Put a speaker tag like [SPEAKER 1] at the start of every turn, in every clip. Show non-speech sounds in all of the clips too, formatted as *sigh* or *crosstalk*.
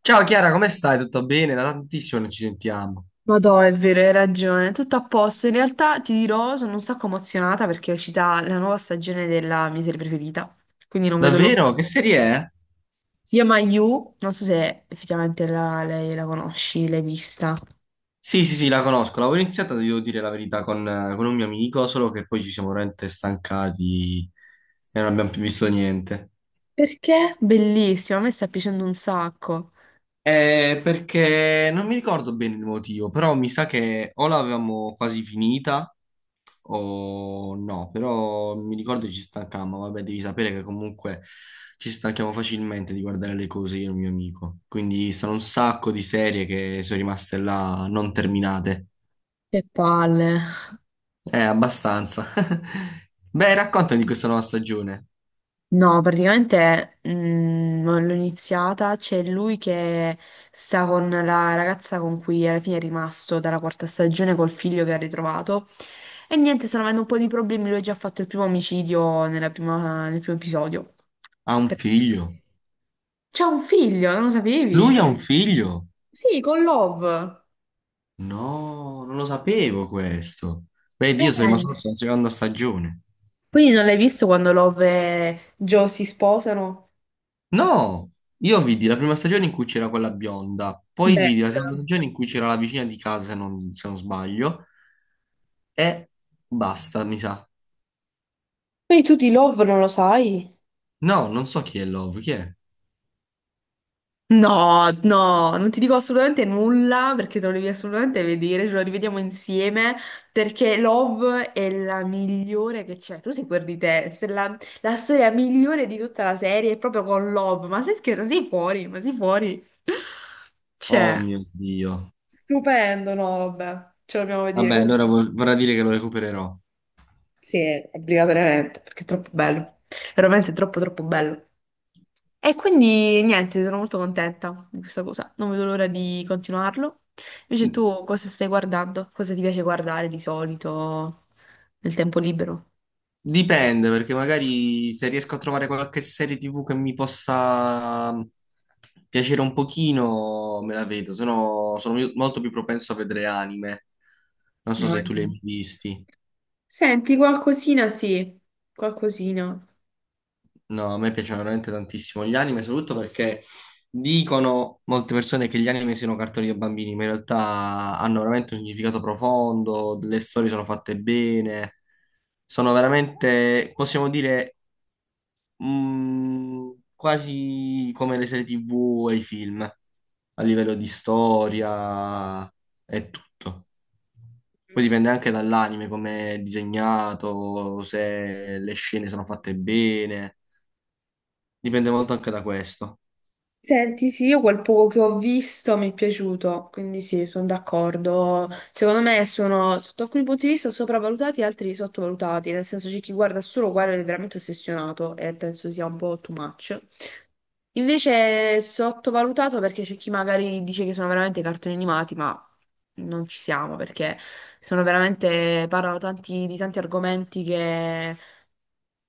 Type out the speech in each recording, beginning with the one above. [SPEAKER 1] Ciao Chiara, come stai? Tutto bene? Da tantissimo non ci sentiamo.
[SPEAKER 2] Ma no, è vero, hai ragione. Tutto a posto. In realtà ti dirò, sono un sacco emozionata perché è uscita la nuova stagione della mia serie preferita. Quindi non vedo l'ora.
[SPEAKER 1] Davvero? Che serie è?
[SPEAKER 2] Si chiama You, non so se effettivamente lei la conosci, l'hai vista.
[SPEAKER 1] Sì, sì, sì, la conosco. L'avevo iniziata, devo dire la verità, con un mio amico, solo che poi ci siamo veramente stancati e non abbiamo più visto niente.
[SPEAKER 2] Perché? Bellissima, a me sta piacendo un sacco.
[SPEAKER 1] Perché non mi ricordo bene il motivo, però mi sa che o l'avevamo quasi finita o no, però mi ricordo ci stancammo, vabbè, devi sapere che comunque ci stanchiamo facilmente di guardare le cose io e il mio amico, quindi sono un sacco di serie che sono rimaste là non terminate,
[SPEAKER 2] Che palle.
[SPEAKER 1] abbastanza. *laughs* Beh, raccontami di questa nuova stagione.
[SPEAKER 2] No, praticamente non l'ho iniziata, c'è lui che sta con la ragazza con cui alla fine è rimasto dalla quarta stagione col figlio che ha ritrovato. E niente, stanno avendo un po' di problemi, lui ha già fatto il primo omicidio nel primo episodio.
[SPEAKER 1] Ha un
[SPEAKER 2] Per-
[SPEAKER 1] figlio?
[SPEAKER 2] C'è un figlio, non lo
[SPEAKER 1] Lui ha
[SPEAKER 2] sapevi?
[SPEAKER 1] un figlio?
[SPEAKER 2] Sì, con Love.
[SPEAKER 1] No, non lo sapevo questo. Beh,
[SPEAKER 2] Eh,
[SPEAKER 1] io sono rimasto solo alla seconda stagione.
[SPEAKER 2] Quindi non l'hai visto quando Love e Joe si sposano?
[SPEAKER 1] No, io vidi la prima stagione in cui c'era quella bionda, poi
[SPEAKER 2] Beh,
[SPEAKER 1] vidi la seconda stagione in cui c'era la vicina di casa, se non sbaglio, e basta, mi sa.
[SPEAKER 2] quindi tu di Love non lo sai?
[SPEAKER 1] No, non so chi è Love, chi è?
[SPEAKER 2] No, no, non ti dico assolutamente nulla perché te lo devi assolutamente vedere, ce lo rivediamo insieme perché Love è la migliore che c'è. Tu sei quel di te, se la, la storia migliore di tutta la serie è proprio con Love, ma sei scherzo, sei fuori, ma sei fuori. Cioè,
[SPEAKER 1] Oh mio Dio.
[SPEAKER 2] stupendo, no, vabbè, ce lo dobbiamo vedere.
[SPEAKER 1] Vabbè, allora
[SPEAKER 2] Comunque,
[SPEAKER 1] vorrà dire che lo recupererò.
[SPEAKER 2] sì, obbligatoriamente perché è troppo bello, veramente troppo troppo bello. E quindi niente, sono molto contenta di questa cosa. Non vedo l'ora di continuarlo. Invece tu cosa stai guardando? Cosa ti piace guardare di solito nel tempo libero?
[SPEAKER 1] Dipende, perché magari se riesco a trovare qualche serie TV che mi possa piacere un pochino, me la vedo, se no sono molto più propenso a vedere anime. Non so
[SPEAKER 2] No,
[SPEAKER 1] se tu li hai
[SPEAKER 2] niente.
[SPEAKER 1] mai visti.
[SPEAKER 2] Senti, qualcosina sì, qualcosina.
[SPEAKER 1] No, a me piacciono veramente tantissimo gli anime, soprattutto perché dicono molte persone che gli anime siano cartoni per bambini, ma in realtà hanno veramente un significato profondo, le storie sono fatte bene, sono veramente, possiamo dire, mh, quasi come le serie TV e i film, a livello di storia e tutto. Poi dipende anche dall'anime, come è disegnato, se le scene sono fatte bene, dipende molto anche da questo.
[SPEAKER 2] Senti, sì, io quel poco che ho visto mi è piaciuto, quindi sì, sono d'accordo. Secondo me sono, sotto alcuni punti di vista, sopravvalutati e altri sottovalutati, nel senso c'è chi guarda solo quello ed è veramente ossessionato e penso sia un po' too much. Invece è sottovalutato perché c'è chi magari dice che sono veramente cartoni animati, ma non ci siamo perché sono veramente, di tanti argomenti che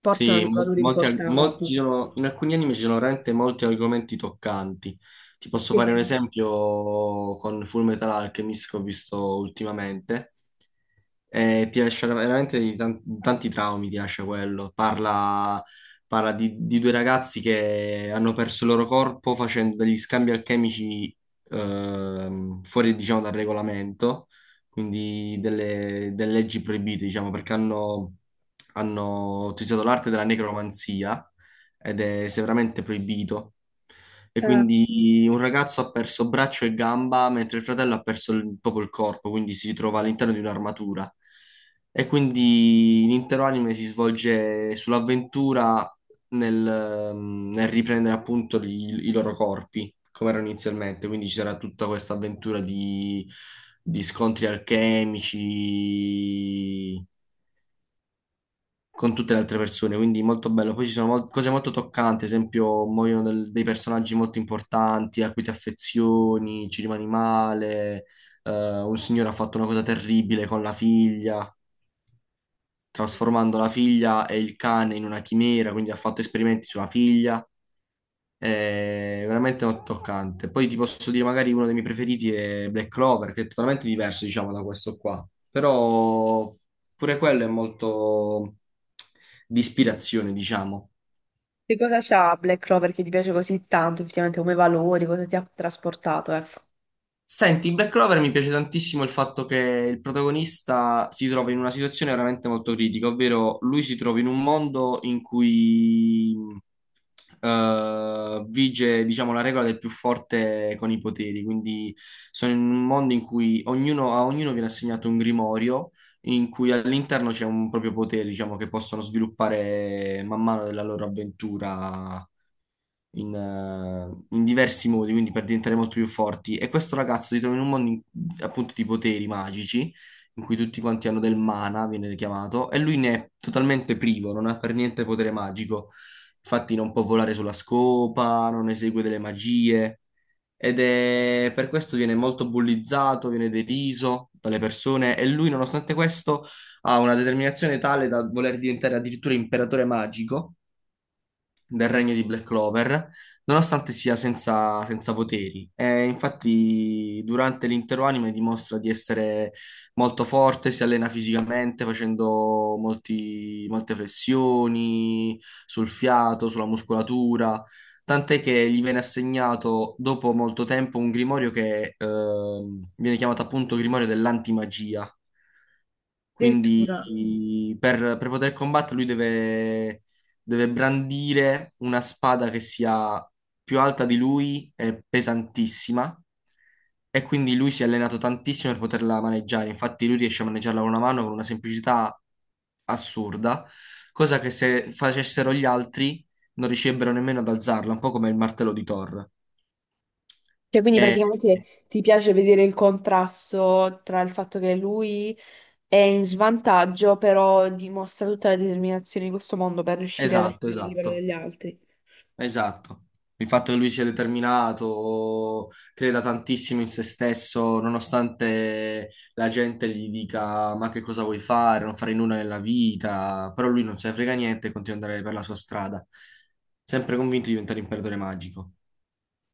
[SPEAKER 2] portano
[SPEAKER 1] Sì,
[SPEAKER 2] dei
[SPEAKER 1] mol-
[SPEAKER 2] valori
[SPEAKER 1] molti arg- mol- ci
[SPEAKER 2] importanti.
[SPEAKER 1] sono- in alcuni anime ci sono veramente molti argomenti toccanti. Ti posso fare un
[SPEAKER 2] Sì.
[SPEAKER 1] esempio con Fullmetal Alchemist che ho visto ultimamente. Ti lascia veramente di tanti traumi, ti lascia quello. Parla di, due ragazzi che hanno perso il loro corpo facendo degli scambi alchemici fuori, diciamo, dal regolamento, quindi delle leggi proibite, diciamo, perché hanno utilizzato l'arte della necromanzia ed è severamente proibito. E
[SPEAKER 2] Eh.
[SPEAKER 1] quindi un ragazzo ha perso braccio e gamba, mentre il fratello ha perso proprio il corpo, quindi si ritrova all'interno di un'armatura. E quindi l'intero anime si svolge sull'avventura nel riprendere appunto i loro corpi come erano inizialmente. Quindi c'era tutta questa avventura di scontri alchemici con tutte le altre persone, quindi molto bello. Poi ci sono cose molto toccanti, ad esempio muoiono dei personaggi molto importanti a cui ti affezioni, ci rimani male. Un signore ha fatto una cosa terribile con la figlia, trasformando la figlia e il cane in una chimera, quindi ha fatto esperimenti sulla figlia. È veramente molto toccante. Poi ti posso dire, magari uno dei miei preferiti è Black Clover, che è totalmente diverso, diciamo, da questo qua. Però pure quello è molto di ispirazione, diciamo.
[SPEAKER 2] Che cosa c'ha Black Clover che ti piace così tanto, effettivamente, come valori, cosa ti ha trasportato, ecco.
[SPEAKER 1] Senti, in Black Clover mi piace tantissimo il fatto che il protagonista si trova in una situazione veramente molto critica, ovvero lui si trova in un mondo in cui vige, diciamo, la regola del più forte con i poteri, quindi sono in un mondo in cui ognuno, a ognuno viene assegnato un grimorio in cui all'interno c'è un proprio potere, diciamo, che possono sviluppare man mano della loro avventura in diversi modi, quindi per diventare molto più forti. E questo ragazzo si trova in un mondo appunto di poteri magici, in cui tutti quanti hanno del mana, viene chiamato, e lui ne è totalmente privo, non ha per niente potere magico. Infatti non può volare sulla scopa, non esegue delle magie. Ed è per questo viene molto bullizzato, viene deriso dalle persone e lui, nonostante questo, ha una determinazione tale da voler diventare addirittura imperatore magico del regno di Black Clover, nonostante sia senza poteri. E infatti, durante l'intero anime dimostra di essere molto forte, si allena fisicamente facendo molte flessioni sul fiato, sulla muscolatura. Tant'è che gli viene assegnato dopo molto tempo un grimorio che viene chiamato appunto grimorio dell'antimagia. Quindi
[SPEAKER 2] Addirittura.
[SPEAKER 1] per poter combattere lui deve brandire una spada che sia più alta di lui e pesantissima e quindi lui si è allenato tantissimo per poterla maneggiare. Infatti lui riesce a maneggiarla con una mano con una semplicità assurda, cosa che se facessero gli altri non riuscirebbero nemmeno ad alzarla, un po' come il martello di Thor.
[SPEAKER 2] Cioè, quindi
[SPEAKER 1] E-
[SPEAKER 2] praticamente ti piace vedere il contrasto tra il fatto che lui è in svantaggio, però dimostra tutta la determinazione di questo mondo per riuscire ad
[SPEAKER 1] esatto,
[SPEAKER 2] arrivare al livello
[SPEAKER 1] esatto.
[SPEAKER 2] degli altri.
[SPEAKER 1] Esatto. Il fatto che lui sia determinato, creda tantissimo in se stesso, nonostante la gente gli dica ma che cosa vuoi fare, non fare nulla nella vita, però lui non se ne frega niente e continua ad andare per la sua strada, sempre convinto di diventare un imperatore magico.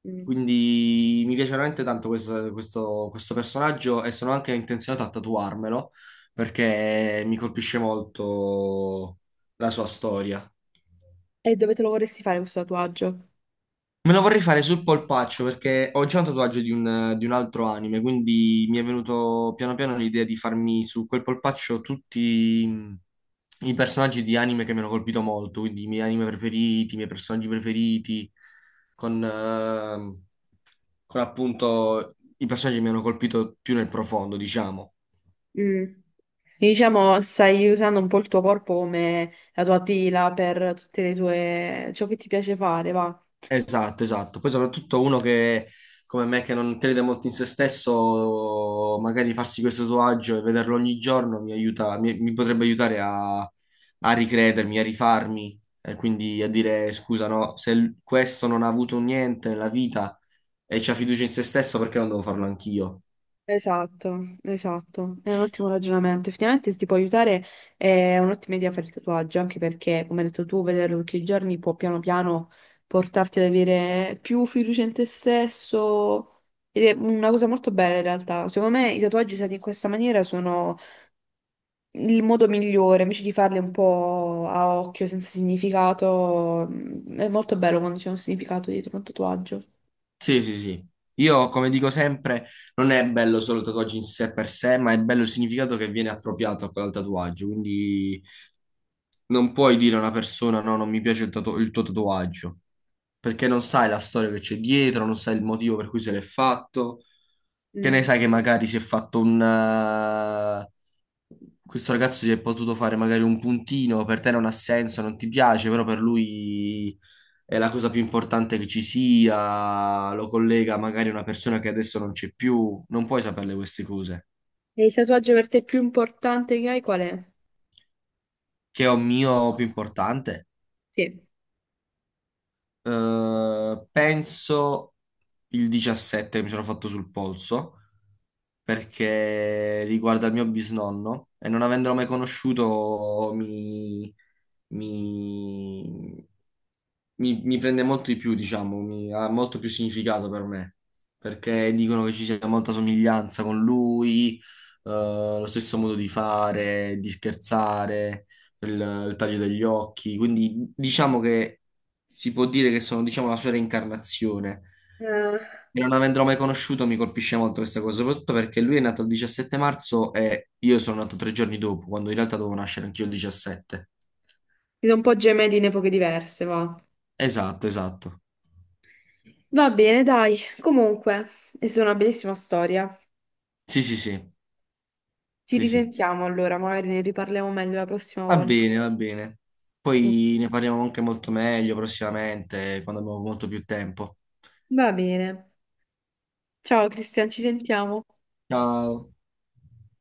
[SPEAKER 2] Mm.
[SPEAKER 1] Quindi mi piace veramente tanto questo personaggio e sono anche intenzionato a tatuarmelo perché mi colpisce molto la sua storia.
[SPEAKER 2] E dove te lo vorresti fare questo tatuaggio?
[SPEAKER 1] Me lo vorrei fare sul polpaccio perché ho già un tatuaggio di un altro anime, quindi mi è venuto piano piano l'idea di farmi su quel polpaccio tutti i personaggi di anime che mi hanno colpito molto, quindi i miei anime preferiti, i miei personaggi preferiti, con, ehm, con appunto i personaggi che mi hanno colpito più nel profondo, diciamo.
[SPEAKER 2] Mm. Diciamo, stai usando un po' il tuo corpo come la tua tela per tutte le tue... ciò che ti piace fare, va.
[SPEAKER 1] Esatto, esatto. Poi soprattutto uno che, come me, che non crede molto in se stesso, magari farsi questo tatuaggio e vederlo ogni giorno mi aiuta, mi potrebbe aiutare a ricredermi, a rifarmi, e quindi a dire scusa, no, se l- questo non ha avuto niente nella vita e c'ha fiducia in se stesso, perché non devo farlo anch'io?
[SPEAKER 2] Esatto, esatto, è un ottimo ragionamento. Effettivamente se ti può aiutare è un'ottima idea fare il tatuaggio, anche perché, come hai detto tu, vederlo tutti i giorni può piano piano portarti ad avere più fiducia in te stesso ed è una cosa molto bella in realtà. Secondo me i tatuaggi usati in questa maniera sono il modo migliore, invece di farli un po' a occhio, senza significato. È molto bello quando c'è un significato dietro un tatuaggio.
[SPEAKER 1] Sì, sì, sì. Io, come dico sempre, non è bello solo il tatuaggio in sé per sé, ma è bello il significato che viene appropriato a quel tatuaggio, quindi... Non puoi dire a una persona no, non mi piace il tuo tatuaggio, perché non sai la storia che c'è dietro, non sai il motivo per cui se l'è fatto, che ne
[SPEAKER 2] Mm.
[SPEAKER 1] sai che magari si è fatto un... questo ragazzo si è potuto fare magari un puntino, per te non ha senso, non ti piace, però per lui è la cosa più importante che ci sia, lo collega magari a una persona che adesso non c'è più, non puoi saperle queste cose.
[SPEAKER 2] E il tatuaggio per te più importante che hai qual è?
[SPEAKER 1] Che è un mio più importante?
[SPEAKER 2] Sì.
[SPEAKER 1] Penso il 17 mi sono fatto sul polso perché riguarda il mio bisnonno e non avendolo mai conosciuto mi, mi prende molto di più, diciamo, ha molto più significato per me, perché dicono che ci sia molta somiglianza con lui, lo stesso modo di fare, di scherzare, il, il taglio degli occhi, quindi diciamo che si può dire che sono, diciamo, la sua reincarnazione.
[SPEAKER 2] Eh,
[SPEAKER 1] E non avendolo mai conosciuto mi colpisce molto questa cosa, soprattutto perché lui è nato il 17 marzo e io sono nato 3 giorni dopo, quando in realtà dovevo nascere anch'io il 17.
[SPEAKER 2] si sono un po' gementi in epoche diverse, va.
[SPEAKER 1] Esatto, esatto.
[SPEAKER 2] Va bene, dai. Comunque, è stata una bellissima storia.
[SPEAKER 1] Sì, sì, sì.
[SPEAKER 2] Ci
[SPEAKER 1] Sì, sì,
[SPEAKER 2] risentiamo allora, magari ne riparliamo meglio la prossima
[SPEAKER 1] va
[SPEAKER 2] volta.
[SPEAKER 1] bene, va bene.
[SPEAKER 2] Ok.
[SPEAKER 1] Poi ne parliamo anche molto meglio prossimamente, quando abbiamo molto più tempo.
[SPEAKER 2] Va bene. Ciao Cristian, ci sentiamo.
[SPEAKER 1] Ciao.